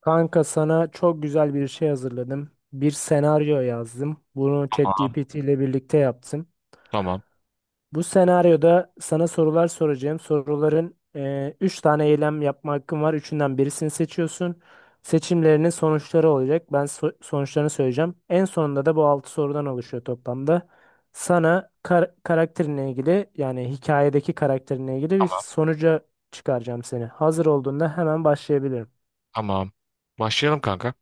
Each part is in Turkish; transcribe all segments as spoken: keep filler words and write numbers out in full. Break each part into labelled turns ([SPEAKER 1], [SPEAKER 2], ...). [SPEAKER 1] Kanka sana çok güzel bir şey hazırladım. Bir senaryo yazdım. Bunu
[SPEAKER 2] Tamam,
[SPEAKER 1] ChatGPT ile birlikte yaptım.
[SPEAKER 2] tamam,
[SPEAKER 1] Bu senaryoda sana sorular soracağım. Soruların eee üç tane eylem yapma hakkın var. Üçünden birisini seçiyorsun. Seçimlerinin sonuçları olacak. Ben so- sonuçlarını söyleyeceğim. En sonunda da bu altı sorudan oluşuyor toplamda. Sana kar- karakterinle ilgili yani hikayedeki karakterinle ilgili bir
[SPEAKER 2] tamam,
[SPEAKER 1] sonuca çıkaracağım seni. Hazır olduğunda hemen başlayabilirim.
[SPEAKER 2] tamam. Başlayalım kanka.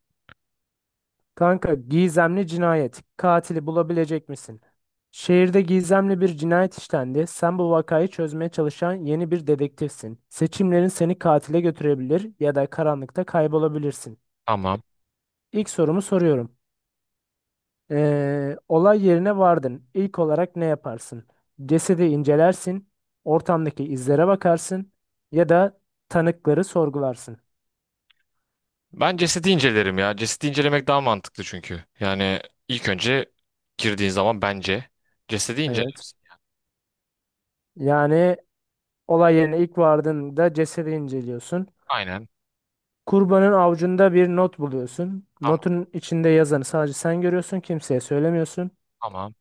[SPEAKER 1] Kanka gizemli cinayet. Katili bulabilecek misin? Şehirde gizemli bir cinayet işlendi. Sen bu vakayı çözmeye çalışan yeni bir dedektifsin. Seçimlerin seni katile götürebilir ya da karanlıkta kaybolabilirsin.
[SPEAKER 2] Tamam.
[SPEAKER 1] İlk sorumu soruyorum. Ee, olay yerine vardın. İlk olarak ne yaparsın? Cesedi incelersin, ortamdaki izlere bakarsın ya da tanıkları sorgularsın.
[SPEAKER 2] Ben cesedi incelerim ya. Cesedi incelemek daha mantıklı çünkü. Yani ilk önce girdiğin zaman bence cesedi
[SPEAKER 1] Evet.
[SPEAKER 2] incelersin.
[SPEAKER 1] Yani olay yerine ilk vardığında cesedi inceliyorsun.
[SPEAKER 2] Aynen.
[SPEAKER 1] Kurbanın avucunda bir not buluyorsun.
[SPEAKER 2] Tamam,
[SPEAKER 1] Notun içinde yazanı sadece sen görüyorsun, kimseye söylemiyorsun.
[SPEAKER 2] tamam,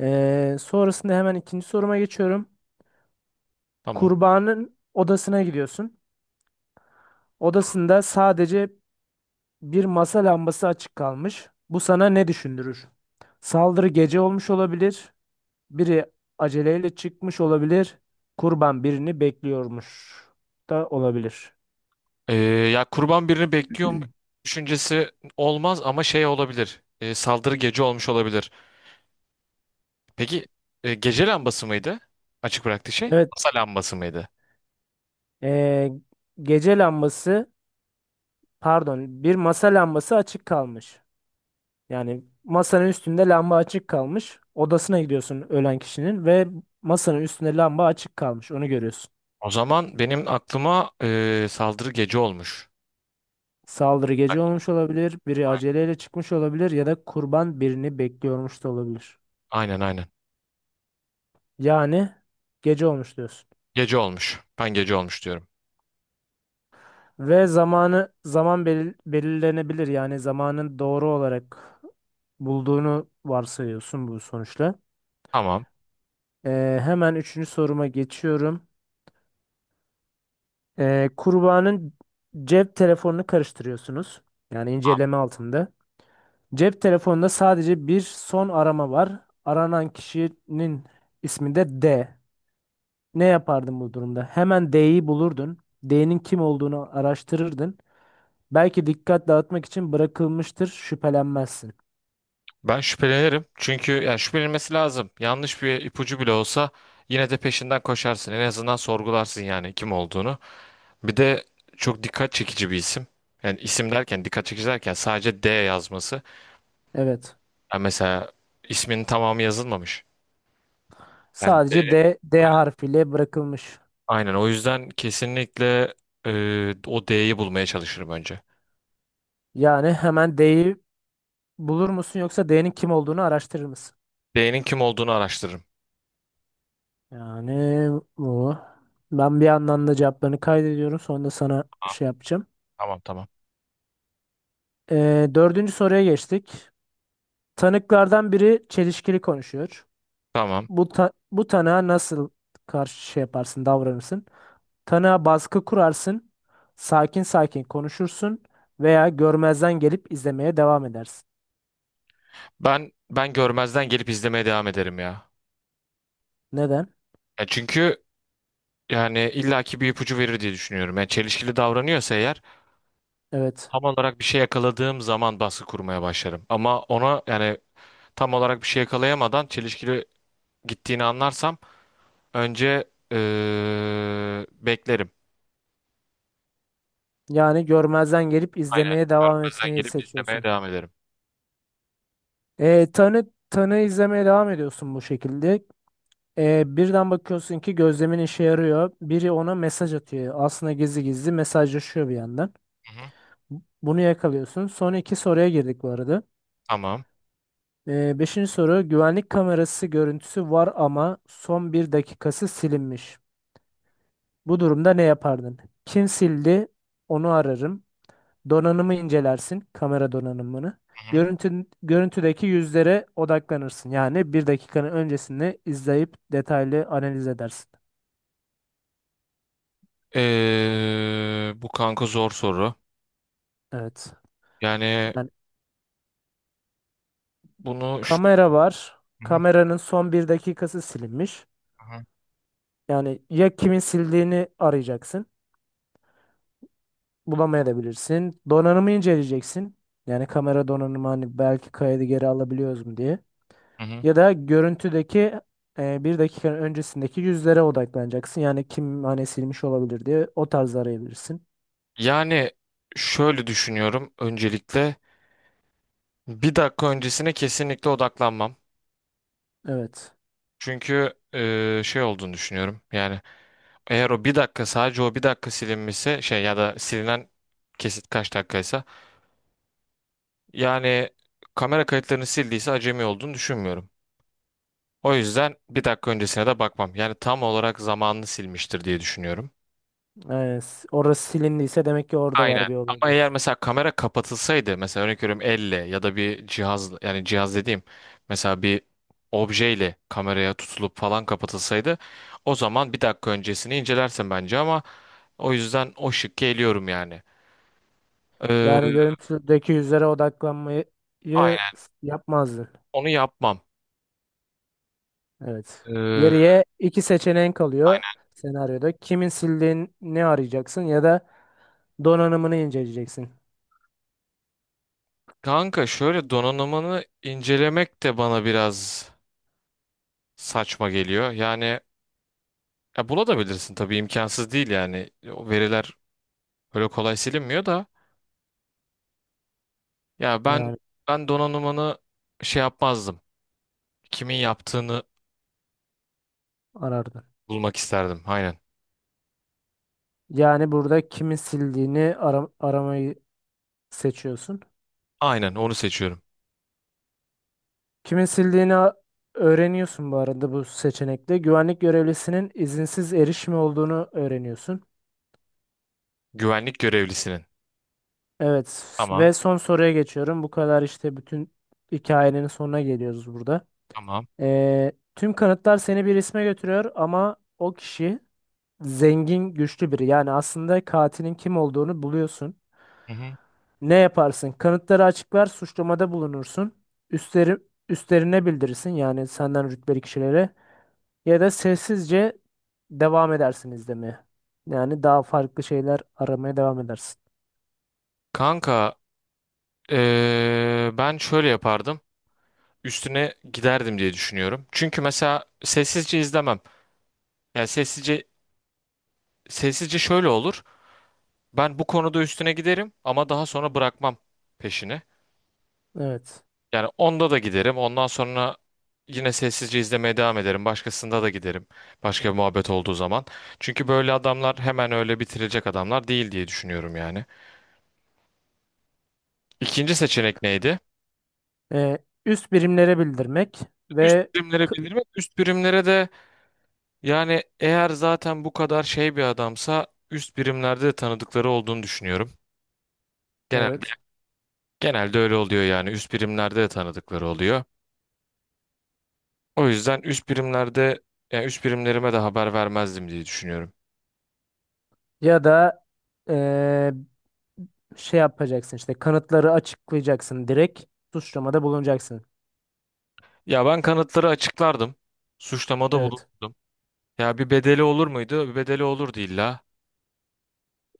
[SPEAKER 1] Ee, sonrasında hemen ikinci soruma geçiyorum.
[SPEAKER 2] tamam.
[SPEAKER 1] Kurbanın odasına gidiyorsun. Odasında sadece bir masa lambası açık kalmış. Bu sana ne düşündürür? Saldırı gece olmuş olabilir. Biri aceleyle çıkmış olabilir. Kurban birini bekliyormuş da olabilir.
[SPEAKER 2] Ee, Ya kurban birini bekliyor mu düşüncesi olmaz ama şey olabilir. Ee, saldırı gece olmuş olabilir. Peki e, gece lambası mıydı? Açık bıraktığı şey.
[SPEAKER 1] Evet,
[SPEAKER 2] Masa lambası mıydı?
[SPEAKER 1] ee, gece lambası. Pardon, bir masa lambası açık kalmış. Yani masanın üstünde lamba açık kalmış. Odasına gidiyorsun ölen kişinin ve masanın üstünde lamba açık kalmış. Onu görüyorsun.
[SPEAKER 2] O zaman benim aklıma e, saldırı gece olmuş.
[SPEAKER 1] Saldırı
[SPEAKER 2] Bak,
[SPEAKER 1] gece olmuş olabilir, biri
[SPEAKER 2] aynen,
[SPEAKER 1] aceleyle çıkmış olabilir ya da kurban birini bekliyormuş da olabilir.
[SPEAKER 2] aynen, aynen.
[SPEAKER 1] Yani gece olmuş diyorsun.
[SPEAKER 2] Gece olmuş. Ben gece olmuş diyorum.
[SPEAKER 1] Ve zamanı zaman belir- belirlenebilir. Yani zamanın doğru olarak bulduğunu varsayıyorsun bu sonuçla.
[SPEAKER 2] Tamam.
[SPEAKER 1] Ee, hemen üçüncü soruma geçiyorum. Ee, kurbanın cep telefonunu karıştırıyorsunuz. Yani inceleme altında. Cep telefonunda sadece bir son arama var. Aranan kişinin ismi de D. Ne yapardın bu durumda? Hemen D'yi bulurdun. D'nin kim olduğunu araştırırdın. Belki dikkat dağıtmak için bırakılmıştır, şüphelenmezsin.
[SPEAKER 2] Ben şüphelenirim. Çünkü yani şüphelenilmesi lazım. Yanlış bir ipucu bile olsa yine de peşinden koşarsın. En azından sorgularsın yani kim olduğunu. Bir de çok dikkat çekici bir isim. Yani isim derken dikkat çekici derken sadece D yazması.
[SPEAKER 1] Evet.
[SPEAKER 2] Yani mesela isminin tamamı yazılmamış. Yani
[SPEAKER 1] Sadece
[SPEAKER 2] D.
[SPEAKER 1] D, D harfiyle bırakılmış.
[SPEAKER 2] Aynen, o yüzden kesinlikle e, o D'yi bulmaya çalışırım önce.
[SPEAKER 1] Yani hemen D'yi bulur musun yoksa D'nin kim olduğunu araştırır mısın?
[SPEAKER 2] D'nin kim olduğunu araştırırım.
[SPEAKER 1] Yani bu. Ben bir yandan da cevaplarını kaydediyorum. Sonra da sana
[SPEAKER 2] Tamam
[SPEAKER 1] şey yapacağım.
[SPEAKER 2] tamam. Tamam.
[SPEAKER 1] Ee, dördüncü soruya geçtik. Tanıklardan biri çelişkili konuşuyor.
[SPEAKER 2] Tamam.
[SPEAKER 1] Bu ta- bu tanığa nasıl karşı şey yaparsın, davranırsın? Tanığa baskı kurarsın, sakin sakin konuşursun veya görmezden gelip izlemeye devam edersin.
[SPEAKER 2] Ben ben görmezden gelip izlemeye devam ederim ya.
[SPEAKER 1] Neden?
[SPEAKER 2] Ya çünkü yani illaki bir ipucu verir diye düşünüyorum. Yani çelişkili davranıyorsa eğer
[SPEAKER 1] Evet.
[SPEAKER 2] tam olarak bir şey yakaladığım zaman baskı kurmaya başlarım. Ama ona yani tam olarak bir şey yakalayamadan çelişkili gittiğini anlarsam önce eee, beklerim.
[SPEAKER 1] Yani görmezden gelip
[SPEAKER 2] Aynen.
[SPEAKER 1] izlemeye devam
[SPEAKER 2] Görmezden
[SPEAKER 1] etmeyi
[SPEAKER 2] gelip izlemeye
[SPEAKER 1] seçiyorsun.
[SPEAKER 2] devam ederim.
[SPEAKER 1] Ee, tanı tanığı izlemeye devam ediyorsun bu şekilde. Ee, birden bakıyorsun ki gözlemin işe yarıyor. Biri ona mesaj atıyor. Aslında gizli gizli mesajlaşıyor bir yandan.
[SPEAKER 2] Hı hı.
[SPEAKER 1] Bu- Bunu yakalıyorsun. Son iki soruya girdik bu arada.
[SPEAKER 2] Tamam.
[SPEAKER 1] Ee, beşinci soru: güvenlik kamerası görüntüsü var ama son bir dakikası silinmiş. Bu durumda ne yapardın? Kim sildi? Onu ararım. Donanımı incelersin, kamera donanımını.
[SPEAKER 2] Hı hı.
[SPEAKER 1] Görüntü, görüntüdeki yüzlere odaklanırsın. Yani bir dakikanın öncesini izleyip detaylı analiz edersin.
[SPEAKER 2] Eee, bu kanka zor soru.
[SPEAKER 1] Evet.
[SPEAKER 2] Yani
[SPEAKER 1] Yani
[SPEAKER 2] bunu şu...
[SPEAKER 1] kamera var.
[SPEAKER 2] Hı hı.
[SPEAKER 1] Kameranın son bir dakikası silinmiş.
[SPEAKER 2] Hı hı.
[SPEAKER 1] Yani ya kimin sildiğini arayacaksın. Bulamayabilirsin. Donanımı inceleyeceksin. Yani kamera donanımı hani belki kaydı geri alabiliyoruz mu diye.
[SPEAKER 2] Hı hı.
[SPEAKER 1] Ya da görüntüdeki e, bir dakikanın öncesindeki yüzlere odaklanacaksın. Yani kim hani silmiş olabilir diye o tarz arayabilirsin.
[SPEAKER 2] Yani şöyle düşünüyorum öncelikle. Bir dakika öncesine kesinlikle odaklanmam.
[SPEAKER 1] Evet.
[SPEAKER 2] Çünkü eee, şey olduğunu düşünüyorum. Yani eğer o bir dakika, sadece o bir dakika silinmişse şey ya da silinen kesit kaç dakikaysa yani kamera kayıtlarını sildiyse acemi olduğunu düşünmüyorum. O yüzden bir dakika öncesine de bakmam. Yani tam olarak zamanını silmiştir diye düşünüyorum.
[SPEAKER 1] Yani s- orası silindiyse demek ki orada var
[SPEAKER 2] Aynen.
[SPEAKER 1] bir olay
[SPEAKER 2] Ama eğer
[SPEAKER 1] diyorsun.
[SPEAKER 2] mesela kamera kapatılsaydı, mesela örnek veriyorum, elle ya da bir cihaz, yani cihaz dediğim mesela bir objeyle kameraya tutulup falan kapatılsaydı, o zaman bir dakika öncesini incelersin bence ama o yüzden o şıkkı eliyorum yani. Ee,
[SPEAKER 1] Yani görüntüdeki yüzlere odaklanmayı
[SPEAKER 2] aynen.
[SPEAKER 1] s- yapmazdı.
[SPEAKER 2] Onu yapmam.
[SPEAKER 1] Evet.
[SPEAKER 2] Ee,
[SPEAKER 1] Geriye iki seçeneğin kalıyor
[SPEAKER 2] aynen.
[SPEAKER 1] senaryoda. Kimin sildiğini arayacaksın ya da donanımını inceleyeceksin.
[SPEAKER 2] Kanka şöyle, donanımını incelemek de bana biraz saçma geliyor. Yani ya bulabilirsin tabii, imkansız değil yani. O veriler öyle kolay silinmiyor da. Ya ben
[SPEAKER 1] Yani
[SPEAKER 2] ben donanımını şey yapmazdım. Kimin yaptığını
[SPEAKER 1] arardın.
[SPEAKER 2] bulmak isterdim. Aynen.
[SPEAKER 1] Yani burada kimin sildiğini ara- aramayı seçiyorsun.
[SPEAKER 2] Aynen, onu seçiyorum.
[SPEAKER 1] Kimin sildiğini a- öğreniyorsun bu arada bu seçenekte. Güvenlik görevlisinin izinsiz erişimi olduğunu öğreniyorsun.
[SPEAKER 2] Güvenlik görevlisinin.
[SPEAKER 1] Evet,
[SPEAKER 2] Tamam.
[SPEAKER 1] ve son soruya geçiyorum. Bu kadar işte, bütün hikayenin sonuna geliyoruz burada.
[SPEAKER 2] Tamam.
[SPEAKER 1] Ee, tüm kanıtlar seni bir isme götürüyor ama o kişi zengin, güçlü biri. Yani aslında katilin kim olduğunu buluyorsun.
[SPEAKER 2] Hı hı.
[SPEAKER 1] Ne yaparsın? Kanıtları açıklar, suçlamada bulunursun. Üstleri, Üstlerine bildirirsin yani senden rütbeli kişilere. Ya da sessizce devam edersin izlemeye. Yani daha farklı şeyler aramaya devam edersin.
[SPEAKER 2] Kanka ee, ben şöyle yapardım. Üstüne giderdim diye düşünüyorum. Çünkü mesela sessizce izlemem. Yani sessizce sessizce şöyle olur. Ben bu konuda üstüne giderim ama daha sonra bırakmam peşini.
[SPEAKER 1] Evet.
[SPEAKER 2] Yani onda da giderim. Ondan sonra yine sessizce izlemeye devam ederim. Başkasında da giderim. Başka bir muhabbet olduğu zaman. Çünkü böyle adamlar hemen öyle bitirilecek adamlar değil diye düşünüyorum yani. İkinci seçenek neydi?
[SPEAKER 1] Ee, Üst birimlere bildirmek
[SPEAKER 2] Üst
[SPEAKER 1] ve
[SPEAKER 2] birimlere
[SPEAKER 1] k-
[SPEAKER 2] bildirmek. Üst birimlere de, yani eğer zaten bu kadar şey bir adamsa üst birimlerde de tanıdıkları olduğunu düşünüyorum. Genelde
[SPEAKER 1] evet.
[SPEAKER 2] genelde öyle oluyor yani. Üst birimlerde de tanıdıkları oluyor. O yüzden üst birimlerde, yani üst birimlerime de haber vermezdim diye düşünüyorum.
[SPEAKER 1] Ya da ee, şey yapacaksın, işte kanıtları açıklayacaksın, direkt suçlamada bulunacaksın.
[SPEAKER 2] Ya ben kanıtları açıklardım. Suçlamada
[SPEAKER 1] Evet.
[SPEAKER 2] bulundum. Ya bir bedeli olur muydu? Bir bedeli olurdu illa.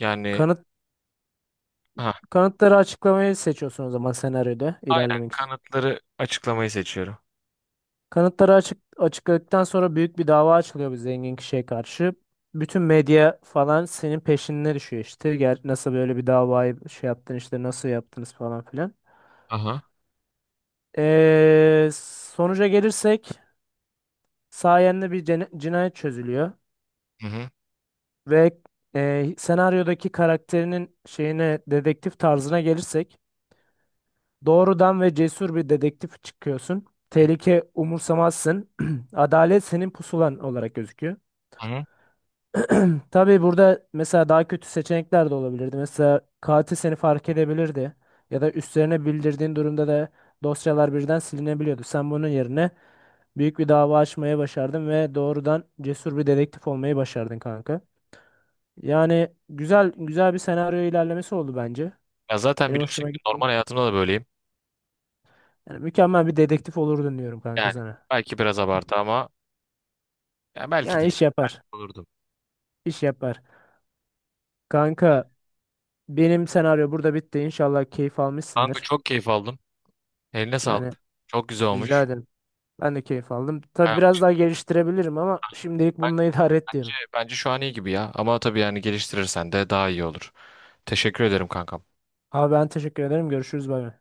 [SPEAKER 2] Yani
[SPEAKER 1] Kanıt
[SPEAKER 2] ha
[SPEAKER 1] Kanıtları açıklamayı seçiyorsun o zaman, senaryoda
[SPEAKER 2] aynen,
[SPEAKER 1] ilerlemek için.
[SPEAKER 2] kanıtları açıklamayı seçiyorum.
[SPEAKER 1] Kanıtları açık açıkladıktan sonra büyük bir dava açılıyor bir zengin kişiye karşı. Bütün medya falan senin peşine düşüyor işte. Gel, nasıl böyle bir davayı şey yaptın işte, nasıl yaptınız falan filan.
[SPEAKER 2] Aha.
[SPEAKER 1] Ee, Sonuca gelirsek sayende bir cene- cinayet çözülüyor.
[SPEAKER 2] Hı hı.
[SPEAKER 1] Ve e, senaryodaki karakterinin şeyine, dedektif tarzına gelirsek, doğrudan ve cesur bir dedektif çıkıyorsun. Tehlike umursamazsın. Adalet senin pusulan olarak gözüküyor.
[SPEAKER 2] Hı hı.
[SPEAKER 1] Tabii burada mesela daha kötü seçenekler de olabilirdi. Mesela katil seni fark edebilirdi. Ya da üstlerine bildirdiğin durumda da dosyalar birden silinebiliyordu. Sen bunun yerine büyük bir dava açmaya başardın ve doğrudan cesur bir dedektif olmayı başardın kanka. Yani güzel güzel bir senaryo ilerlemesi oldu bence.
[SPEAKER 2] Ya zaten
[SPEAKER 1] Benim
[SPEAKER 2] biliyorsun
[SPEAKER 1] hoşuma
[SPEAKER 2] ki
[SPEAKER 1] gitti.
[SPEAKER 2] normal hayatımda da böyleyim.
[SPEAKER 1] Yani mükemmel bir dedektif olurdun diyorum kanka
[SPEAKER 2] Yani
[SPEAKER 1] sana.
[SPEAKER 2] belki biraz abartı ama ya, belki
[SPEAKER 1] Yani iş
[SPEAKER 2] değil.
[SPEAKER 1] yapar.
[SPEAKER 2] Olurdum.
[SPEAKER 1] İş yapar. Kanka benim senaryo burada bitti. İnşallah keyif
[SPEAKER 2] Kanka
[SPEAKER 1] almışsındır.
[SPEAKER 2] çok keyif aldım. Eline
[SPEAKER 1] Yani
[SPEAKER 2] sağlık. Çok güzel
[SPEAKER 1] rica
[SPEAKER 2] olmuş.
[SPEAKER 1] ederim. Ben de keyif aldım. Tabii
[SPEAKER 2] Ben,
[SPEAKER 1] biraz daha geliştirebilirim ama şimdilik
[SPEAKER 2] ben-
[SPEAKER 1] bununla idare et
[SPEAKER 2] bence,
[SPEAKER 1] diyorum.
[SPEAKER 2] bence şu an iyi gibi ya. Ama tabii yani geliştirirsen de daha iyi olur. Teşekkür ederim kankam.
[SPEAKER 1] Abi ben teşekkür ederim. Görüşürüz. Bay bay.